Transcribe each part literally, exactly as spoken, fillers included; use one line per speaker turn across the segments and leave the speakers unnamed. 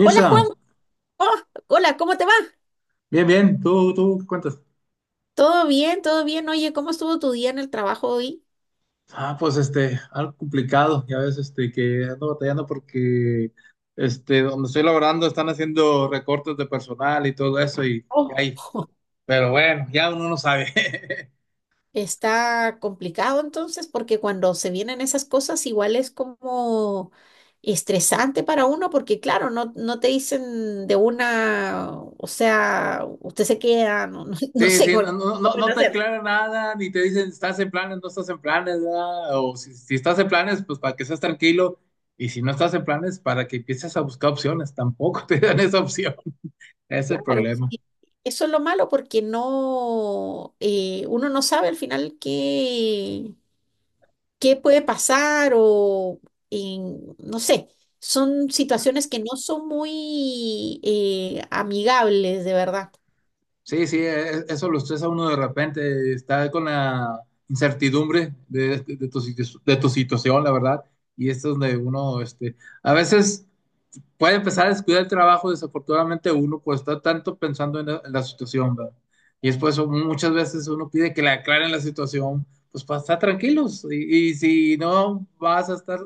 Hola Juan. Oh, hola, ¿cómo te va?
bien, bien, ¿tú, tú qué cuentas?
¿Todo bien? ¿Todo bien? Oye, ¿cómo estuvo tu día en el trabajo hoy?
Ah, pues este, algo complicado, ya ves, este, que ando batallando porque, este, donde estoy laborando están haciendo recortes de personal y todo eso y, y
Oh,
ahí. Pero bueno, ya uno no sabe.
Está complicado entonces porque cuando se vienen esas cosas igual es como estresante para uno porque claro, no, no te dicen de una, o sea, usted se queda, no, no, no
Sí,
sé,
sí,
con
no, no,
lo
no
pueden
no te
hacer.
aclara nada, ni te dicen, si estás en planes, no estás en planes, ¿verdad? O si, si estás en planes, pues para que seas tranquilo, y si no estás en planes, para que empieces a buscar opciones, tampoco te dan esa opción, ese es el
Claro,
problema.
sí. Eso es lo malo porque no, eh, uno no sabe al final qué, qué puede pasar o en- no sé, son situaciones que no son muy eh, amigables, de verdad.
Sí, sí, e- eso lo estresa uno de repente, está con la incertidumbre de, de tu, situ- de tu situación, la verdad, y esto es donde uno, este, a veces puede empezar a descuidar el trabajo. Desafortunadamente uno pues está tanto pensando en la, en la situación, ¿verdad? Y después muchas veces uno pide que le aclaren la situación, pues para estar tranquilos, y, y si no vas a estar,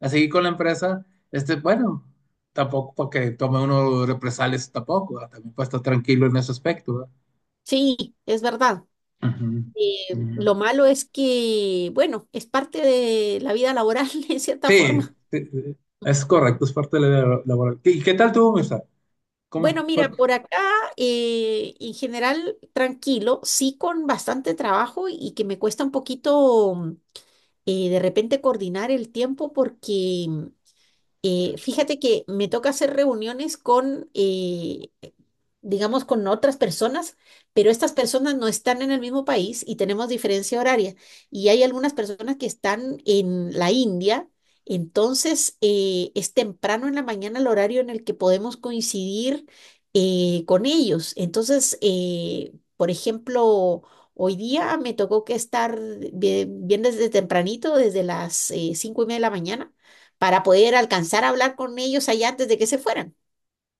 a seguir con la empresa, este, bueno, tampoco para que tome uno represalias tampoco, ¿verdad? También para estar tranquilo en ese aspecto, ¿verdad?
Sí, es verdad.
Ujú,
Eh,
ujú.
lo malo es que, bueno, es parte de la vida laboral en cierta
Sí,
forma.
sí, sí, es correcto, es parte de la vida laboral. ¿Y qué tal tuvo, Mirza?
Bueno,
¿Cómo fue?
mira, por acá eh, en general tranquilo, sí con bastante trabajo y que me cuesta un poquito eh, de repente coordinar el tiempo porque Eh, fíjate que me toca hacer reuniones con, eh, digamos, con otras personas, pero estas personas no están en el mismo país y tenemos diferencia horaria. Y hay algunas personas que están en la India, entonces eh, es temprano en la mañana el horario en el que podemos coincidir eh, con ellos. Entonces, eh, por ejemplo. Hoy día me tocó que estar bien, bien desde tempranito, desde las eh, cinco y media de la mañana, para poder alcanzar a hablar con ellos allá antes de que se fueran.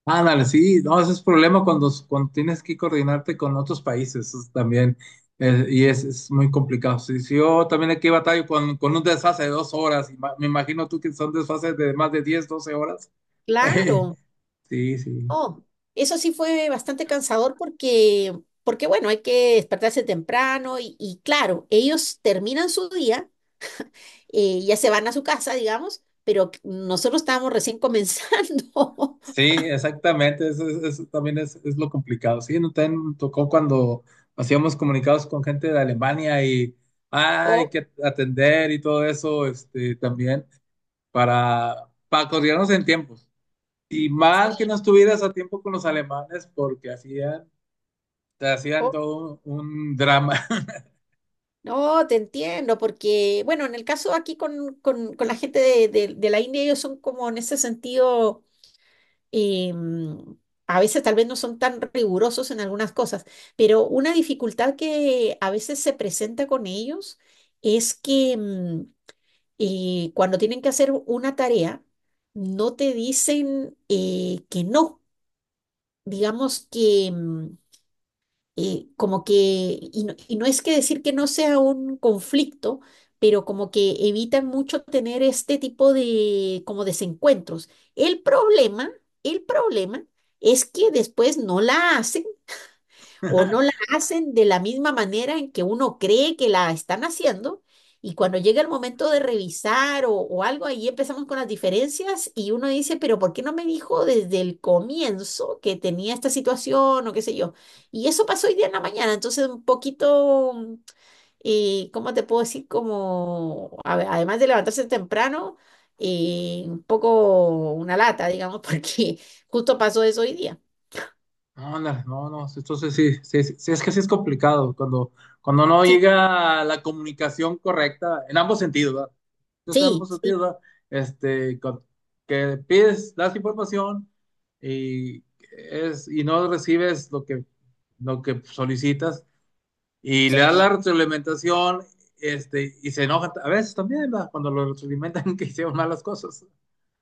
Ándale, sí, no, ese es problema cuando, cuando tienes que coordinarte con otros países, eso es también, eh, y es, es muy complicado. Sí, sí, yo también aquí batallo con, con un desfase de dos horas, y ma- me imagino tú que son desfases de más de diez, doce horas.
Claro.
Sí, sí.
Oh, eso sí fue bastante cansador porque, porque bueno, hay que despertarse temprano y, y claro, ellos terminan su día, eh, ya se van a su casa, digamos, pero c- nosotros estábamos recién comenzando.
Sí, exactamente, eso, es- eso también es, es lo complicado. Sí, no, también me tocó cuando hacíamos comunicados con gente de Alemania y ah, hay
Oh,
que atender y todo eso, este, también para, para coordinarnos en tiempos. Y mal que
sí,
no estuvieras a tiempo con los alemanes porque hacían, te hacían
oh.
todo un, un drama.
No, te entiendo, porque, bueno, en el caso aquí con, con- con la gente de, de de la India, ellos son como en ese sentido eh, a veces tal vez no son tan rigurosos en algunas cosas, pero una dificultad que a veces se presenta con ellos es que mm, eh, cuando tienen que hacer una tarea, no te dicen eh, que no. Digamos que mm, eh, como que, y no, y no es que decir que no sea un conflicto, pero como que evitan mucho tener este tipo de como desencuentros. El problema, el problema es que después no la hacen o no la hacen de la misma manera en que uno cree que la están haciendo. Y cuando llega el momento de revisar o, o algo, ahí empezamos con las diferencias y uno dice, pero ¿por qué no me dijo desde el comienzo que tenía esta situación o qué sé yo? Y eso pasó hoy día en la mañana, entonces un poquito, mm, eh, ¿cómo te puedo decir? Como, a- además de levantarse temprano, eh, un poco una lata, digamos, porque justo pasó eso hoy día.
Ándale, no, no, sí, entonces sí, sí, sí, sí, es que sí es complicado cuando, cuando no
Sí,
llega la comunicación correcta en ambos sentidos, ¿verdad? Entonces, en ambos
sí, sí,
sentidos, ¿verdad? Este, con- que pides, das información y, es, y no recibes lo que, lo que solicitas y le das la
sí,
retroalimentación, este, y se enojan a veces también, ¿verdad? Cuando lo retroalimentan que hicieron malas cosas.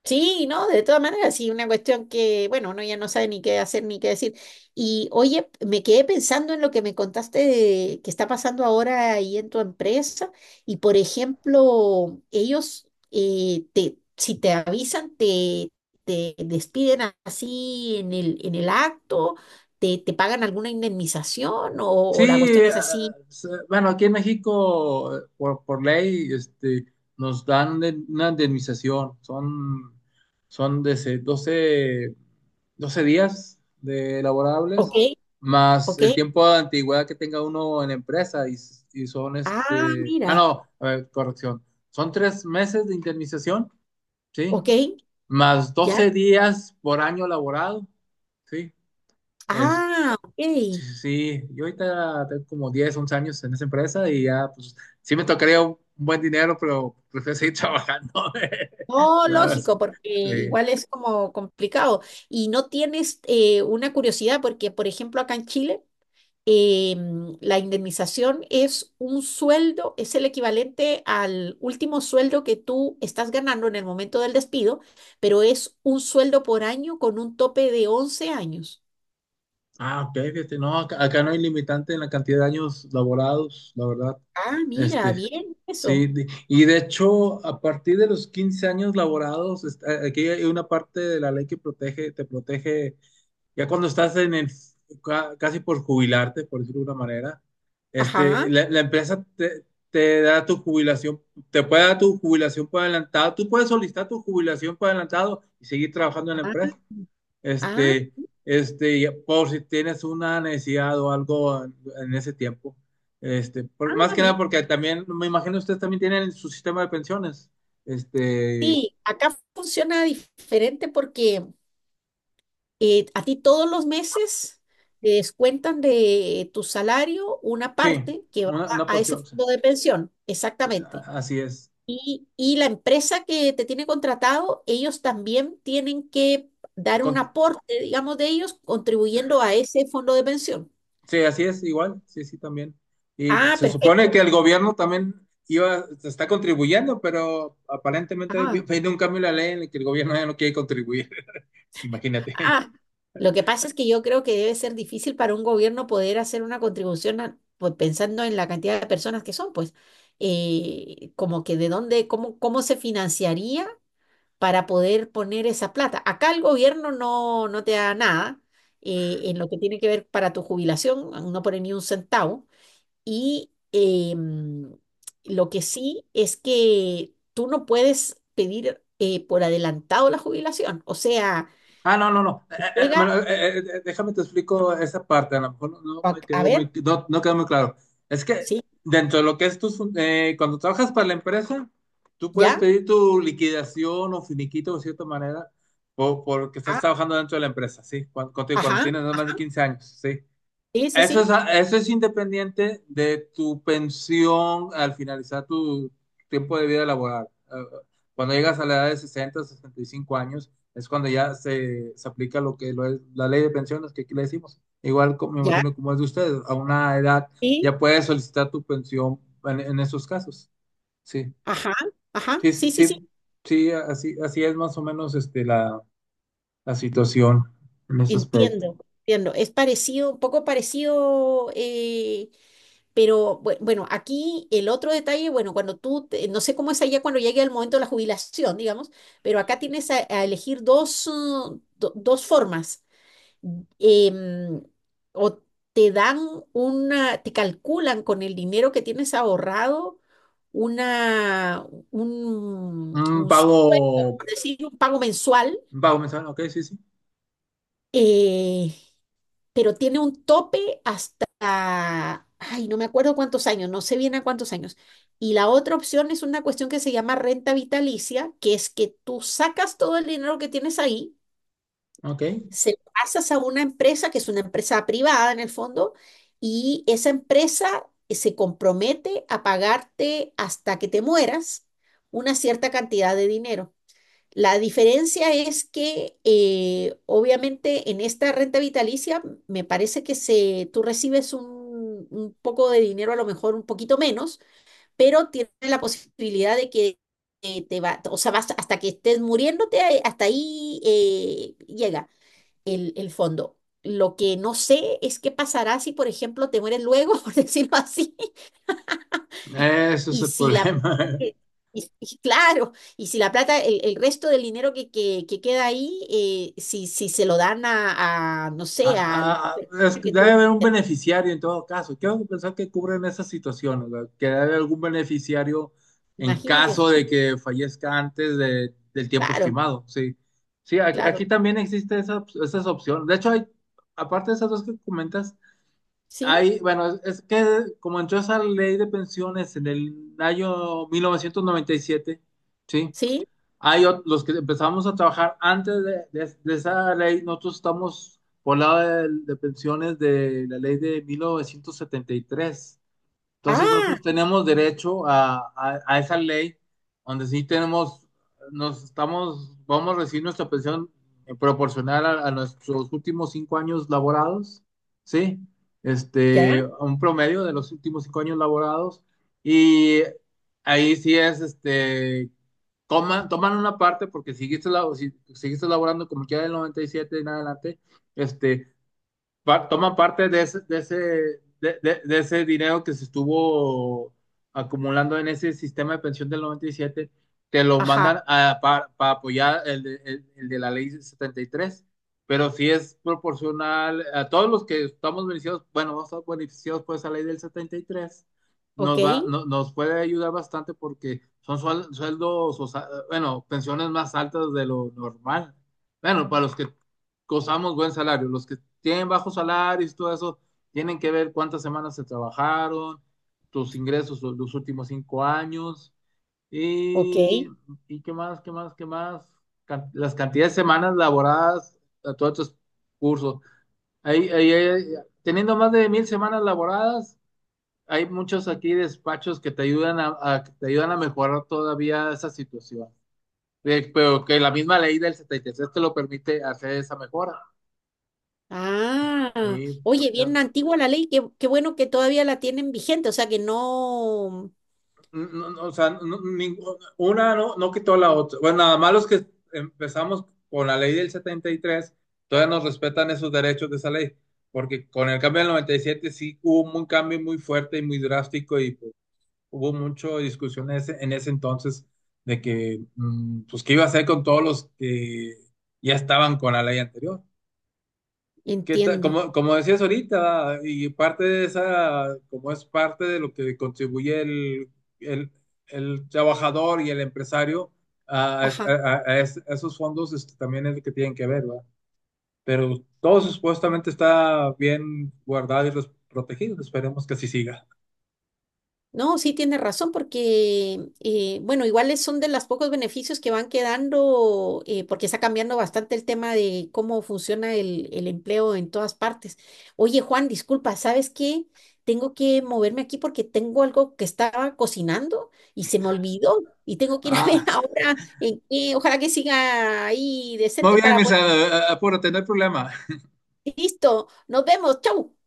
Sí, no, de todas maneras, sí, una cuestión que, bueno, uno ya no sabe ni qué hacer ni qué decir. Y oye, me quedé pensando en lo que me contaste de que está pasando ahora ahí en tu empresa. Y por ejemplo, ellos, eh, te, si te avisan, te, te despiden a- así en el, en el acto, te, te pagan alguna indemnización o, o la
Sí,
cuestión es
ah,
así.
se- bueno, aquí en México, eh, por, por ley, este, nos dan de- una indemnización. Son, son de ese doce 12 días de
Ok,
laborables, más
ok.
el tiempo de antigüedad que tenga uno en la empresa. Y, s- y son,
Ah,
este, ah,
mira,
no, a ver, corrección. Son tres meses de indemnización, ¿sí?
ok,
Más
ya.
doce días por año laborado, ¿sí?
Ah, ok.
Sí, sí, sí. Yo ahorita tengo como diez, once años en esa empresa y ya, pues, sí me tocaría un buen dinero, pero prefiero seguir trabajando.
No,
La verdad,
lógico, porque
sí.
igual es como complicado. Y no tienes eh, una curiosidad, porque por ejemplo acá en Chile eh, mm, la indemnización es un sueldo, es el equivalente al último sueldo que tú estás ganando en el momento del despido, pero es un sueldo por año con un tope de once años.
Ah, ok, fíjate, no, acá, acá no hay limitante en la cantidad de años laborados, la verdad.
Ah, mira,
Este,
bien
sí,
eso.
de- y de hecho, a partir de los quince años laborados, este, aquí hay una parte de la ley que protege, te protege ya cuando estás en el, ca- casi por jubilarte, por decirlo de una manera, este,
Ajá.
la, la empresa te, te da tu jubilación, te puede dar tu jubilación por adelantado, tú puedes solicitar tu jubilación por adelantado y seguir trabajando en la
Ah,
empresa.
ah,
Este, este, y por si tienes una necesidad o algo en, en ese tiempo. Este, por- más
ah,
que nada
mira.
porque también, me imagino ustedes también tienen su sistema de pensiones. Este,
Sí, acá funciona diferente porque eh, a ti todos los meses te descuentan de tu salario una
sí,
parte que va
una, una
a, a ese
porción, o sea,
fondo de pensión, exactamente.
a- así es.
Y, y la empresa que te tiene contratado, ellos también tienen que dar un
Con-
aporte, digamos, de ellos contribuyendo a ese fondo de pensión.
Sí, así es, igual, sí, sí, también. Y
Ah,
se supone
perfecto.
que el gobierno también iba, está contribuyendo, pero aparentemente
Ah.
viene un cambio en la ley en el que el gobierno ya no quiere contribuir, imagínate.
Ah, lo que pasa es que yo creo que debe ser difícil para un gobierno poder hacer una contribución a- pues, pensando en la cantidad de personas que son, pues, eh, como que de dónde, cómo, cómo se financiaría para poder poner esa plata. Acá el gobierno no, no te da nada eh, en lo que tiene que ver para tu jubilación, no pone ni un centavo. Y eh, mm, lo que sí es que tú no puedes pedir eh, por adelantado la jubilación. O sea,
Ah, no, no, no. Eh, eh,
llega,
bueno, eh, eh, eh, déjame te explico esa parte, a lo mejor no, no
a
me
a
quedó
ver.
muy, no, no quedó muy claro. Es que
Sí,
dentro de lo que es tu, cuando trabajas para la empresa, tú puedes
ya,
pedir tu liquidación o finiquito de cierta manera, o porque estás
ah,
trabajando dentro de la empresa, ¿sí? Cuando, cuando
ajá,
tienes más de
ajá,
quince años, ¿sí?
sí, sí,
Eso es,
sí,
eso es independiente de tu pensión al finalizar tu tiempo de vida laboral. Eh, Cuando llegas a la edad de sesenta sesenta y cinco años, es cuando ya se, se aplica lo que lo es la ley de pensiones, que aquí le decimos. Igual co- me
ya,
imagino como es de ustedes, a una edad
sí,
ya puedes solicitar tu pensión en, en esos casos. Sí,
ajá, ajá,
sí,
sí, sí, sí,
sí, sí, así, así es más o menos este, la, la situación en ese aspecto.
entiendo, entiendo. Es parecido, un poco parecido, eh, pero bue- bueno, aquí el otro detalle, bueno, cuando tú, te- no sé cómo es allá cuando llegue el momento de la jubilación, digamos, pero acá tienes a, a elegir dos, uh, do- dos formas. Em, o te dan una, te calculan con el dinero que tienes ahorrado una, un,
Un
un
pago,
sueldo, por decir, un pago mensual,
un pago mensual, ok, sí, sí,
eh, pero tiene un tope hasta, ay, no me acuerdo cuántos años, no sé bien a cuántos años. Y la otra opción es una cuestión que se llama renta vitalicia, que es que tú sacas todo el dinero que tienes ahí
ok.
se lo pasas a una empresa que es una empresa privada en el fondo, y esa empresa eh, se compromete a pagarte hasta que te mueras una cierta cantidad de dinero. La diferencia es que eh, obviamente en esta renta vitalicia me parece que se, tú recibes un, un poco de dinero, a lo mejor un poquito menos, pero tienes la posibilidad de que eh, te va, o sea, vas hasta que estés muriéndote, eh, hasta ahí eh, llega el, el fondo. Lo que no sé es qué pasará si, por ejemplo, te mueres luego, por decirlo así,
Eso es
y
el
si la.
problema.
que- Y, y claro, y si la plata, el, el resto del dinero que, que, que queda ahí, eh, si, si se lo dan a, a, no sé, a alguna
Ah, ah, ah, es
persona
que
que
debe
tú
haber un beneficiario en todo caso. Quiero pensar que cubren esas situaciones, ¿verdad? Que debe haber algún beneficiario en
imagino que
caso de
sí,
que fallezca antes de- del tiempo
claro,
estimado. Sí, sí, aquí, aquí
claro,
también existe esa, op- esas opciones. De hecho, hay, aparte de esas dos que comentas,
sí,
hay, bueno, es que como entró esa ley de pensiones en el año mil novecientos noventa y siete. Sí.
sí,
Hay ot- los que empezamos a trabajar antes de, de- de esa ley, nosotros estamos por lado de, de pensiones de la ley de mil novecientos setenta y tres. Entonces
ah,
nosotros tenemos derecho a, a- a esa ley donde sí tenemos, nos estamos, vamos a recibir nuestra pensión, eh, proporcional a, a nuestros últimos cinco años laborados, ¿sí?
ya,
Este, a un promedio de los últimos cinco años laborados, y ahí sí es, este, toman, toman una parte porque si seguiste, labo- si, seguiste laborando como quiera del noventa y siete en adelante, este, pa- toman parte de ese, de ese, de, de- de ese dinero que se estuvo acumulando en ese sistema de pensión del noventa y siete, te lo
ajá,
mandan a, para, apoyar el de, el- el de la ley setenta y tres, pero si es proporcional a todos los que estamos beneficiados, bueno, vamos a estar beneficiados por esa ley del setenta y tres,
ok,
nos va, no- nos puede ayudar bastante porque son suel- sueldos, o sea, bueno, pensiones más altas de lo normal. Bueno, para los que gozamos buen salario. Los que tienen bajos salarios y todo eso, tienen que ver cuántas semanas se trabajaron, tus ingresos los, los últimos cinco años
ok,
y, y qué más, qué más, qué más. Can- las cantidades de semanas laboradas a todos estos cursos. Ahí, ahí- ahí- Teniendo más de mil semanas laboradas, hay muchos aquí despachos que te ayudan a, a- que te ayudan a mejorar todavía esa situación. Eh, Pero que la misma ley del setenta y tres te lo permite hacer esa mejora.
ah,
Sí.
oye, bien antigua la ley, qué, qué bueno que todavía la tienen vigente, o sea que no.
No, no, o sea, no- ninguna- una no, no quitó la otra. Bueno, nada más los que empezamos con la ley del setenta y tres todavía nos respetan esos derechos de esa ley, porque con el cambio del noventa y siete sí hubo un cambio muy fuerte y muy drástico y pues, hubo mucha discusión en ese, en ese entonces de que, mm, pues, qué iba a hacer con todos los que ya estaban con la ley anterior. ¿Qué tal?
Entiendo.
Como, como decías ahorita, y parte de esa, como es parte de lo que contribuye el, el- el trabajador y el empresario a, a-
Ajá.
a- a es- a esos fondos, este, también es lo que tienen que ver, ¿verdad? Pero todo supuestamente está bien guardado y res- protegido, esperemos que así siga.
No, sí tiene razón porque, eh, bueno, iguales son de los pocos beneficios que van quedando eh, porque está cambiando bastante el tema de cómo funciona el, el empleo en todas partes. Oye, Juan, disculpa, ¿sabes qué? Tengo que moverme aquí porque tengo algo que estaba cocinando y se me olvidó y tengo que ir a ver
Ah,
ahora en qué, ojalá que siga ahí decente
muy bien,
para poder.
Mirza, a- a- apúrate, no hay problema.
Listo, nos vemos, chau.